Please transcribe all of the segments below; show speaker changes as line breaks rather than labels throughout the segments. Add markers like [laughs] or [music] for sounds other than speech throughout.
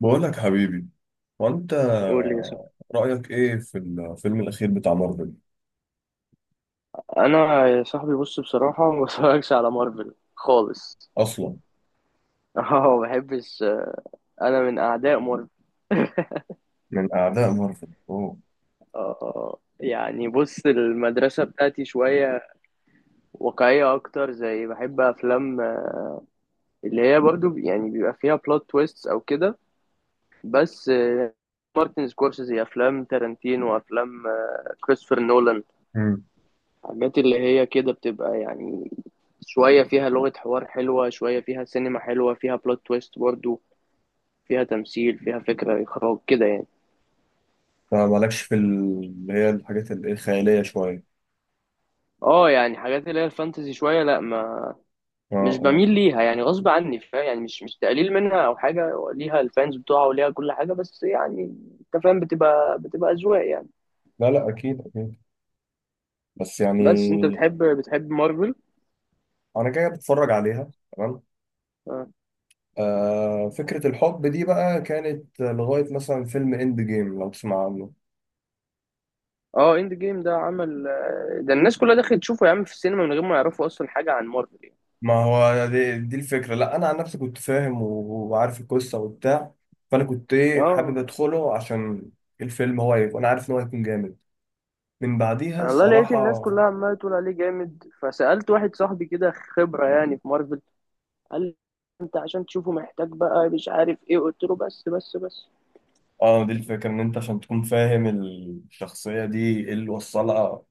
بقول لك حبيبي، وانت
قول لي يا صاحبي.
رأيك ايه في الفيلم الأخير بتاع مارفل
انا يا صاحبي بص بصراحه [laughs] ما بتفرجش على مارفل خالص.
أصلا؟
[laughs] اه ما بحبش. انا من اعداء مارفل.
من أعداء مارفل؟ أوه.
اه يعني بص المدرسه بتاعتي شويه واقعيه اكتر، زي بحب افلام اللي هي برضو يعني بيبقى فيها بلوت تويست او كده، بس مارتن سكورسيزي، افلام تارانتينو، وافلام كريستوفر نولان.
مم.
حاجات اللي هي كده بتبقى يعني شوية فيها لغة حوار حلوة، شوية فيها سينما حلوة، فيها بلوت تويست برضو، فيها تمثيل، فيها فكرة إخراج كده يعني.
فمالكش في اللي هي الحاجات الخيالية شوية؟
اه يعني حاجات اللي هي الفانتزي شوية، لا ما
اه،
مش
اه.
بميل ليها يعني غصب عني، فاهم، يعني مش تقليل منها أو حاجة، ليها الفانز بتوعها وليها كل حاجة، بس يعني أنت فاهم، بتبقى أذواق يعني.
لا، لا، أكيد، أكيد. بس
بس أنت
يعني
بتحب مارفل.
أنا جاي بتفرج عليها. تمام.
اه
آه، فكرة الحب دي بقى كانت لغاية مثلا فيلم إند جيم، لو تسمع عنه.
اه اند جيم ده عمل ده الناس كلها دخلت تشوفه يا عم في السينما من غير ما يعرفوا أصلا حاجة عن مارفل يعني.
ما هو دي الفكرة. لا، أنا عن نفسي كنت فاهم وعارف القصة وبتاع. فأنا كنت حابب
اه.
أدخله عشان الفيلم. هو هيبقى، أنا عارف إن هو هيكون جامد من بعديها
انا والله لقيت الناس
الصراحة.
كلها عماله تقول عليه جامد، فسألت واحد صاحبي كده خبرة يعني في مارفل، قال لي انت عشان تشوفه محتاج بقى مش عارف ايه، قلت له بس.
آه، دي الفكرة إن أنت عشان تكون فاهم الشخصية دي إيه اللي وصلها،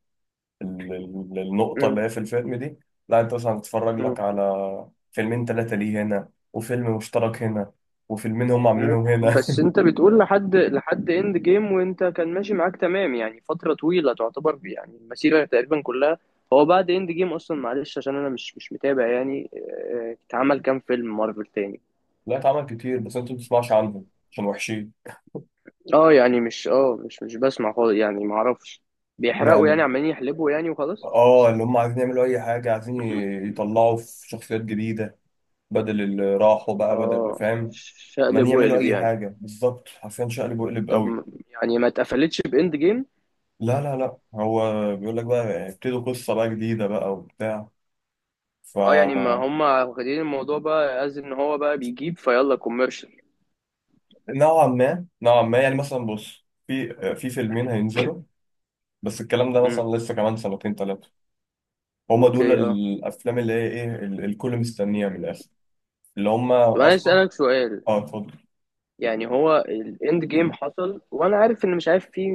النقطة اللي
مم.
هي في الفيلم دي. لا، أنت مثلا تتفرج
مم.
لك على فيلمين تلاتة ليه هنا، وفيلم مشترك هنا، وفيلمين هم عاملينهم هنا.
بس انت بتقول لحد اند جيم وانت كان ماشي معاك تمام يعني فترة طويلة، تعتبر يعني المسيرة تقريبا كلها. هو بعد اند جيم اصلا، معلش عشان انا مش متابع يعني، اتعمل كام فيلم مارفل تاني؟
[laughs] لا، اتعمل كتير بس أنت ما بتسمعش عنهم عشان وحشين.
اه يعني مش اه مش مش بسمع خالص يعني ما اعرفش. بيحرقوا يعني،
يعني
عمالين يحلبوا يعني وخلاص.
اه، اللي هم عايزين يعملوا اي حاجه، عايزين يطلعوا في شخصيات جديده بدل اللي راحوا بقى، بدل اللي
اه،
فاهم. ما
شقلب
يعملوا
وقلب
اي
يعني.
حاجه، بالظبط، حرفيا شقلب وقلب قوي.
طب يعني ما اتقفلتش باند جيم؟
لا، لا، لا، هو بيقول لك بقى ابتدوا قصه بقى جديده بقى وبتاع. ف
اه يعني ما هم واخدين الموضوع بقى از ان هو بقى بيجيب فيلا كوميرشال.
نوعا ما، نوعا ما، يعني مثلا بص، في فيلمين هينزلوا. بس الكلام ده
امم.
مثلا لسه كمان سنتين ثلاثه. هما دول
اوكي، اه.
الافلام اللي هي الكل مستنيها من الاخر، اللي
طب
هما
انا عايز
اصلا.
اسالك سؤال.
اه، اتفضل.
يعني هو الاند جيم حصل، وانا عارف ان مش عارف فيه،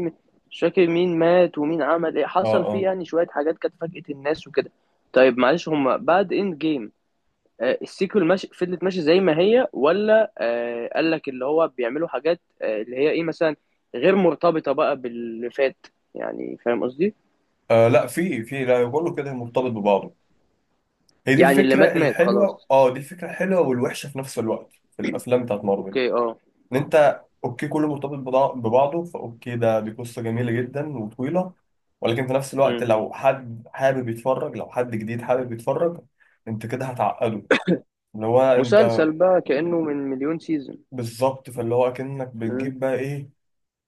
مش فاكر مين مات ومين عمل ايه،
اه،
حصل فيه
اه.
يعني شويه حاجات كانت فاجأت الناس وكده. طيب معلش، هم بعد اند جيم آه السيكول ماشي فضلت ماشي زي ما هي، ولا آه قال لك اللي هو بيعملوا حاجات آه اللي هي ايه مثلا غير مرتبطه بقى باللي فات؟ يعني فاهم قصدي.
آه، لا، في لا، بقول له كده مرتبط ببعضه. هي دي
يعني اللي
الفكره
مات مات
الحلوه،
خلاص.
اه، دي الفكره الحلوه والوحشه في نفس الوقت في الافلام بتاعت مارفل.
اوكي اه.
ان انت اوكي كله مرتبط ببعضه، فاوكي ده دي قصه جميله جدا وطويله. ولكن في نفس الوقت،
مم.
لو حد حابب يتفرج، لو حد جديد حابب يتفرج، انت كده هتعقده. اللي هو انت،
مسلسل بقى كأنه من مليون سيزون.
بالظبط، فاللي هو كأنك
مم.
بتجيب بقى ايه،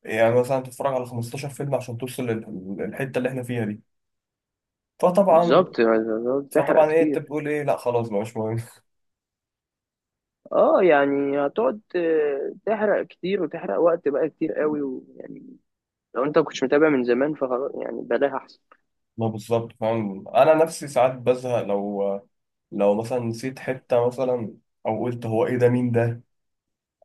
يعني مثلا تتفرج على 15 فيلم عشان توصل للحته اللي احنا فيها دي. فطبعا،
بالظبط بالظبط، تحرق
فطبعا ايه انت
كتير.
بتقول ايه؟ لا، خلاص بقى، مش مهم.
اه يعني هتقعد تحرق كتير وتحرق وقت بقى كتير قوي، ويعني لو انت كنتش متابع من زمان فخلاص يعني بلاها احسن.
ما بالظبط، فاهم، انا نفسي ساعات بزهق لو مثلا نسيت حته، مثلا او قلت هو ايه ده، مين ده؟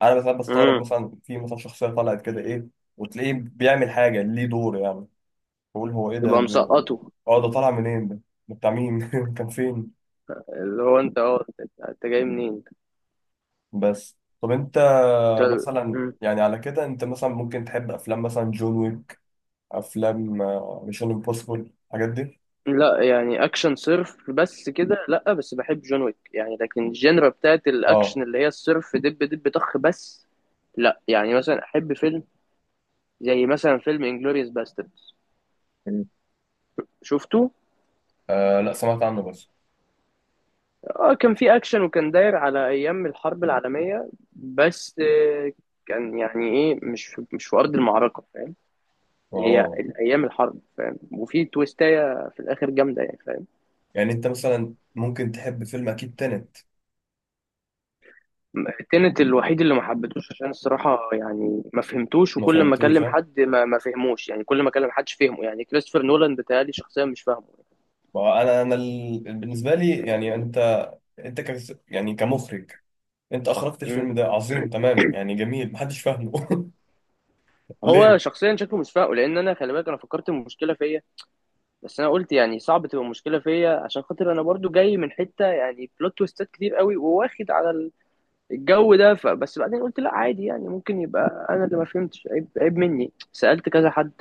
انا ساعات بستغرب
مم.
مثلا، في مثلا شخصيه طلعت كده ايه وتلاقيه بيعمل حاجه، ليه دور يعني؟ بقول هو ايه ده،
تبقى مسقطه.
اه، ده طالع منين ده؟ ده بتاع مين؟ [laughs] كان فين؟
اللي هو انت، اه انت أنت جاي منين انت.
بس طب انت،
طب-.
مثلا
مم.
يعني على كده انت مثلا ممكن تحب افلام مثلا جون ويك، افلام ميشن امبوسيبل، الحاجات دي.
لا يعني اكشن صرف بس كده لا، بس بحب جون ويك يعني، لكن الجينرا بتاعت
اه.
الاكشن اللي هي الصرف دب دب طخ بس لا. يعني مثلا احب فيلم زي مثلا فيلم انجلوريوس باستردز.
مم.
شفته؟
آه، لا، سمعت عنه بس.
اه كان فيه اكشن وكان داير على ايام الحرب العالميه بس كان يعني ايه مش في مش في ارض المعركه، فاهم، هي
اه،
ايام الحرب، فاهم، وفي تويستايه في الاخر جامده يعني، فاهم.
يعني انت مثلا ممكن تحب فيلم اكيد تنت.
تنت الوحيد اللي ما حبيتهوش، عشان الصراحه يعني ما فهمتوش،
ما
وكل ما
فهمتوش؟
اكلم
ها؟
حد ما فهموش يعني، كل ما اكلم حدش فهمه يعني كريستوفر نولان بيتهيألي شخصيا مش فاهمه.
ما هو انا بالنسبه لي يعني انت، انت يعني كمخرج، انت اخرجت
مم.
الفيلم ده عظيم، تمام يعني، جميل، محدش فاهمه [laughs]
هو
ليه؟
شخصيا شكله مش فاهمه، لان انا خلي بالك انا فكرت المشكله فيا، بس انا قلت يعني صعب تبقى مشكله فيا عشان خاطر انا برضو جاي من حته يعني بلوت تويستات كتير قوي، وواخد على الجو ده، فبس بعدين قلت لا عادي يعني ممكن يبقى انا اللي ما فهمتش، عيب عيب مني، سالت كذا حد،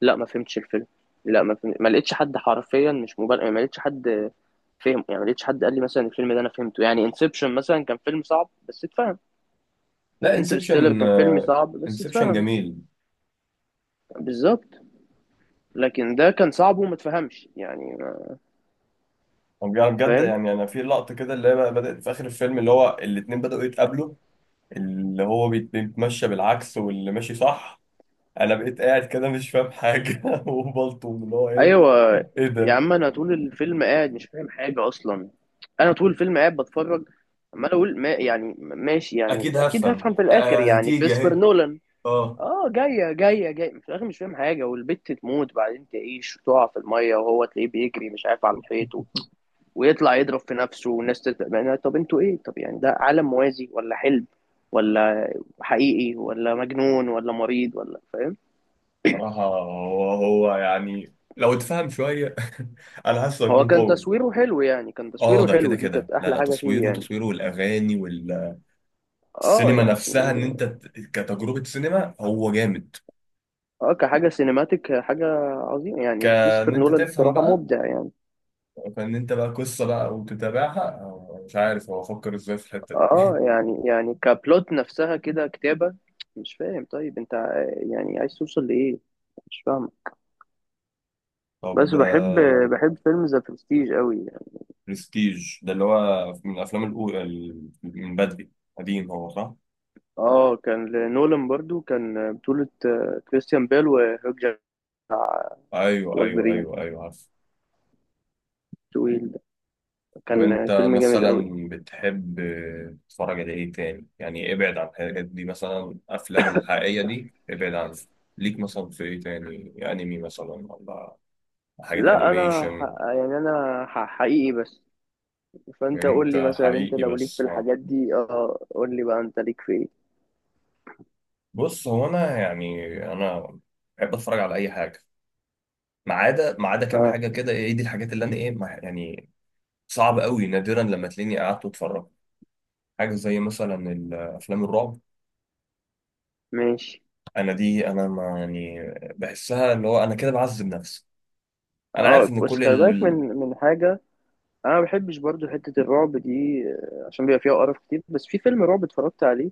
لا ما فهمتش الفيلم، لا ما فهم... ما لقيتش حد حرفيا مش مبالغ، ما لقيتش حد فهم يعني، ما لقيتش حد قال لي مثلا الفيلم ده انا فهمته يعني، انسبشن مثلا كان فيلم صعب بس اتفهم،
لا،
انترستيلر
انسبشن،
كان فيلم صعب بس
انسبشن
اتفهم،
جميل.
بالظبط، لكن ده كان صعب وما اتفهمش يعني.
يعني بجد،
فاهم.
يعني انا في لقطه كده اللي هي بقى بدات في اخر الفيلم اللي هو الاتنين بداوا يتقابلوا، اللي هو بيتمشى بالعكس واللي ماشي صح. انا بقيت قاعد كده مش فاهم حاجه [laughs] وبلطم اللي هو ايه،
ايوه.
ايه
يا
ده؟
عم انا طول الفيلم قاعد مش فاهم حاجه اصلا. انا طول الفيلم قاعد بتفرج، عمال اقول ما يعني ماشي يعني
اكيد
اكيد
هفهم،
هفهم في الاخر
آه،
يعني
هتيجي
كريستوفر
اهي.
نولان.
اه.
اه جايه في الاخر مش فاهم حاجه، والبت تموت بعدين تعيش وتقع في الميه، وهو تلاقيه بيجري مش عارف على الحيط و-، ويطلع يضرب في نفسه والناس تت... يعني طب انتوا ايه، طب يعني ده عالم موازي ولا حلم ولا حقيقي ولا مجنون ولا مريض ولا فاهم.
صراحة هو يعني لو اتفهم شوية، [laughs] أنا حاسه
هو
هيكون
كان
قوي.
تصويره حلو يعني، كان
اه،
تصويره
ده كده
حلو، دي
كده،
كانت
لا،
احلى
لا،
حاجه فيه
تصويره،
يعني.
تصويره والأغاني والسينما
اه
نفسها، إن
يعني.
أنت كتجربة سينما هو جامد.
اه كحاجة سينماتيك، حاجة عظيمة يعني،
كأن
كريستوفر
أنت
نولان
تفهم
الصراحة
بقى،
مبدع يعني.
كأن أنت بقى قصة بقى وتتابعها، أو مش عارف هو فكر إزاي في الحتة دي.
اه يعني يعني كبلوت نفسها كده كتابة مش فاهم، طيب انت يعني عايز توصل لإيه، مش فاهم.
طب.
بس بحب، بحب فيلم ذا برستيج قوي يعني.
برستيج ده اللي هو من الأفلام الأولى، من بدري، قديم هو، صح؟
اه كان لنولان، برضو كان بطولة كريستيان بيل وهيوك جاك
أيوه، أيوه،
والبرين.
أيوه، أيوه.
طويل ده.
طب
كان
انت
فيلم جامد
مثلا
قوي.
بتحب تتفرج على ايه تاني، يعني ابعد عن الحاجات دي، مثلا افلام الحقيقية دي، ابعد عن، ليك مثلا في ايه تاني؟ انمي مثلا؟ ولا حاجات
لا انا
انيميشن؟
ح- يعني انا ح- حقيقي بس. فانت قول لي
انت
مثلا، انت
حقيقي
لو ليك
بس،
في
اه.
الحاجات دي اه قول لي بقى انت ليك في ايه؟
بص، هو انا يعني، انا بحب اتفرج على اي حاجة ما عدا ما عدا كام
اه،
حاجة كده. ايه دي الحاجات اللي انا ايه يعني صعب قوي نادرا لما تلاقيني قعدت واتفرجت؟ حاجة زي مثلا الافلام الرعب،
ماشي.
انا دي انا ما يعني بحسها اللي هو انا كده بعذب نفسي. انا عارف
اه
ان
بس
كل
خلي
ال
بالك من
ال-
من حاجه. انا ما بحبش برضو حته الرعب دي عشان بيبقى فيها قرف كتير، بس في فيلم رعب اتفرجت عليه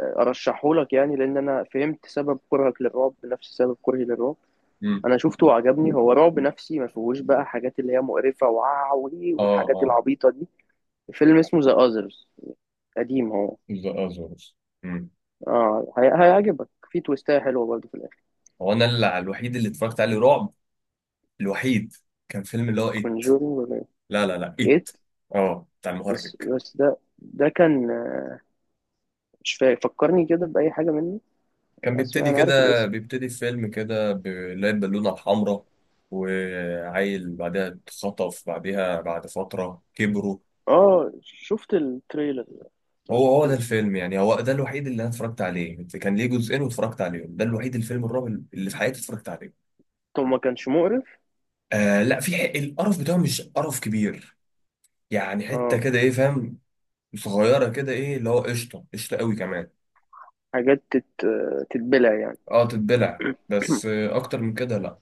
ارشحه لك يعني لان انا فهمت سبب كرهك للرعب نفس سبب كرهي للرعب.
مم.
انا شفته وعجبني، هو رعب نفسي ما فيهوش بقى حاجات اللي هي مقرفه وعوي
اه،
والحاجات
اه.
العبيطه دي. فيلم اسمه ذا اذرز، قديم هو.
اه، زوز. مم.
اه، هي- هيعجبك، في تويستايه حلوه برضو في الاخر.
هو انا اللي الوحيد اللي اتفرجت عليه رعب، الوحيد، كان فيلم اللي هو ايت.
كونجورينج. 8.
لا، لا، لا، ايت. اه، بتاع المهرج.
بس ده كان مش فاكر، فكرني كده بأي حاجة منه.
كان
اسمع
بيبتدي
انا عارف
كده،
الاسم.
بيبتدي الفيلم كده، بلاقي البالونة الحمراء، وعيل بعدها اتخطف، بعدها بعد فترة كبروا.
اه شفت التريلر بس ما
هو هو ده
شفتوش.
الفيلم، يعني هو ده الوحيد اللي انا اتفرجت عليه، كان ليه جزئين واتفرجت عليهم. ده الوحيد الفيلم الرعب اللي في حياتي اتفرجت عليه.
طب ما كانش مقرف؟
آه لا، في حق، القرف بتاعه مش قرف كبير يعني، حته
اه.
كده ايه، فاهم؟ صغيره كده ايه اللي هو قشطه، قشطه قوي كمان.
حاجات تت... تتبلع يعني.
اه، تتبلع بس، آه اكتر من كده لا.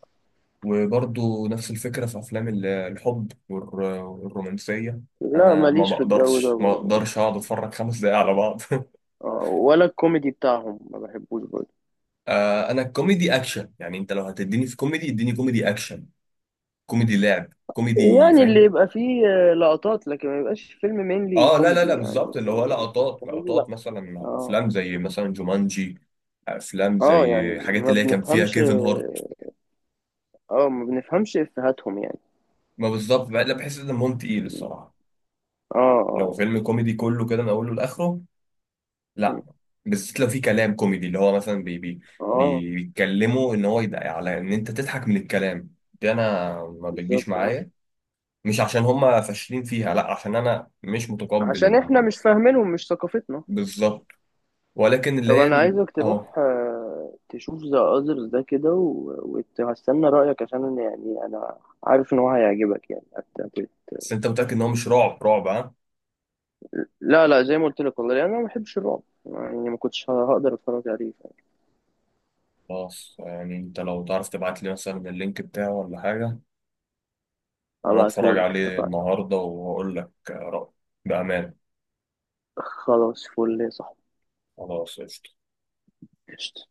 وبرضه نفس الفكره في افلام الحب والرومانسيه.
لا
انا ما
ماليش في الجو ده
بقدرش ما
برضه.
بقدرش اقعد اتفرج خمس دقايق على بعض [laughs]
اه، ولا الكوميدي بتاعهم ما بحبوش برضه.
آه، انا الكوميدي اكشن، يعني انت لو هتديني في كوميدي اديني كوميدي اكشن، كوميدي لعب، كوميدي،
يعني اللي
فاهم؟
يبقى فيه لقطات لكن ما يبقاش فيلم مينلي
اه، لا، لا، لا،
كوميدي يعني.
بالظبط، اللي هو لقطات،
كوميدي لا.
لقطات مثلا
اه
افلام زي مثلا جومانجي، افلام زي
اه يعني
حاجات
ما
اللي هي كان فيها
بنفهمش.
كيفن هارت.
اه ما بنفهمش افهاتهم يعني.
ما بالظبط لا، بحس ان دمهم تقيل الصراحه،
اه
لو
اه
فيلم كوميدي كله كده من اوله لاخره، لا.
يعني.
بالذات لو في كلام كوميدي اللي هو مثلا
اه.
بيتكلموا ان هو يدعي على ان انت تضحك من الكلام. دي انا ما بتجيش
بالظبط اه.
معايا، مش عشان هم فاشلين فيها، لا، عشان انا مش متقبل
عشان احنا
ال-
مش فاهمينهم، مش ثقافتنا.
بالظبط. ولكن اللي
طب
هي
انا عايزك
اه.
تروح تشوف ذا اذرز ده كده و- وهستنى رايك، عشان أنا يعني انا عارف ان هو هيعجبك يعني هت- هت-.
بس انت متأكد ان هو مش رعب رعب؟ ها؟
لا لا زي ما قلت لك والله يعني انا ما بحبش الرعب يعني ما كنتش هقدر اتفرج عليه.
خلاص، يعني انت لو تعرف تبعت لي مثلا اللينك بتاعه ولا حاجة، وانا اتفرج
هبعتهولك،
عليه
اتفقنا.
النهاردة واقول لك رأيي بأمان.
خلاص، فل يا صاحبي.
خلاص، قشطة.
قشطة.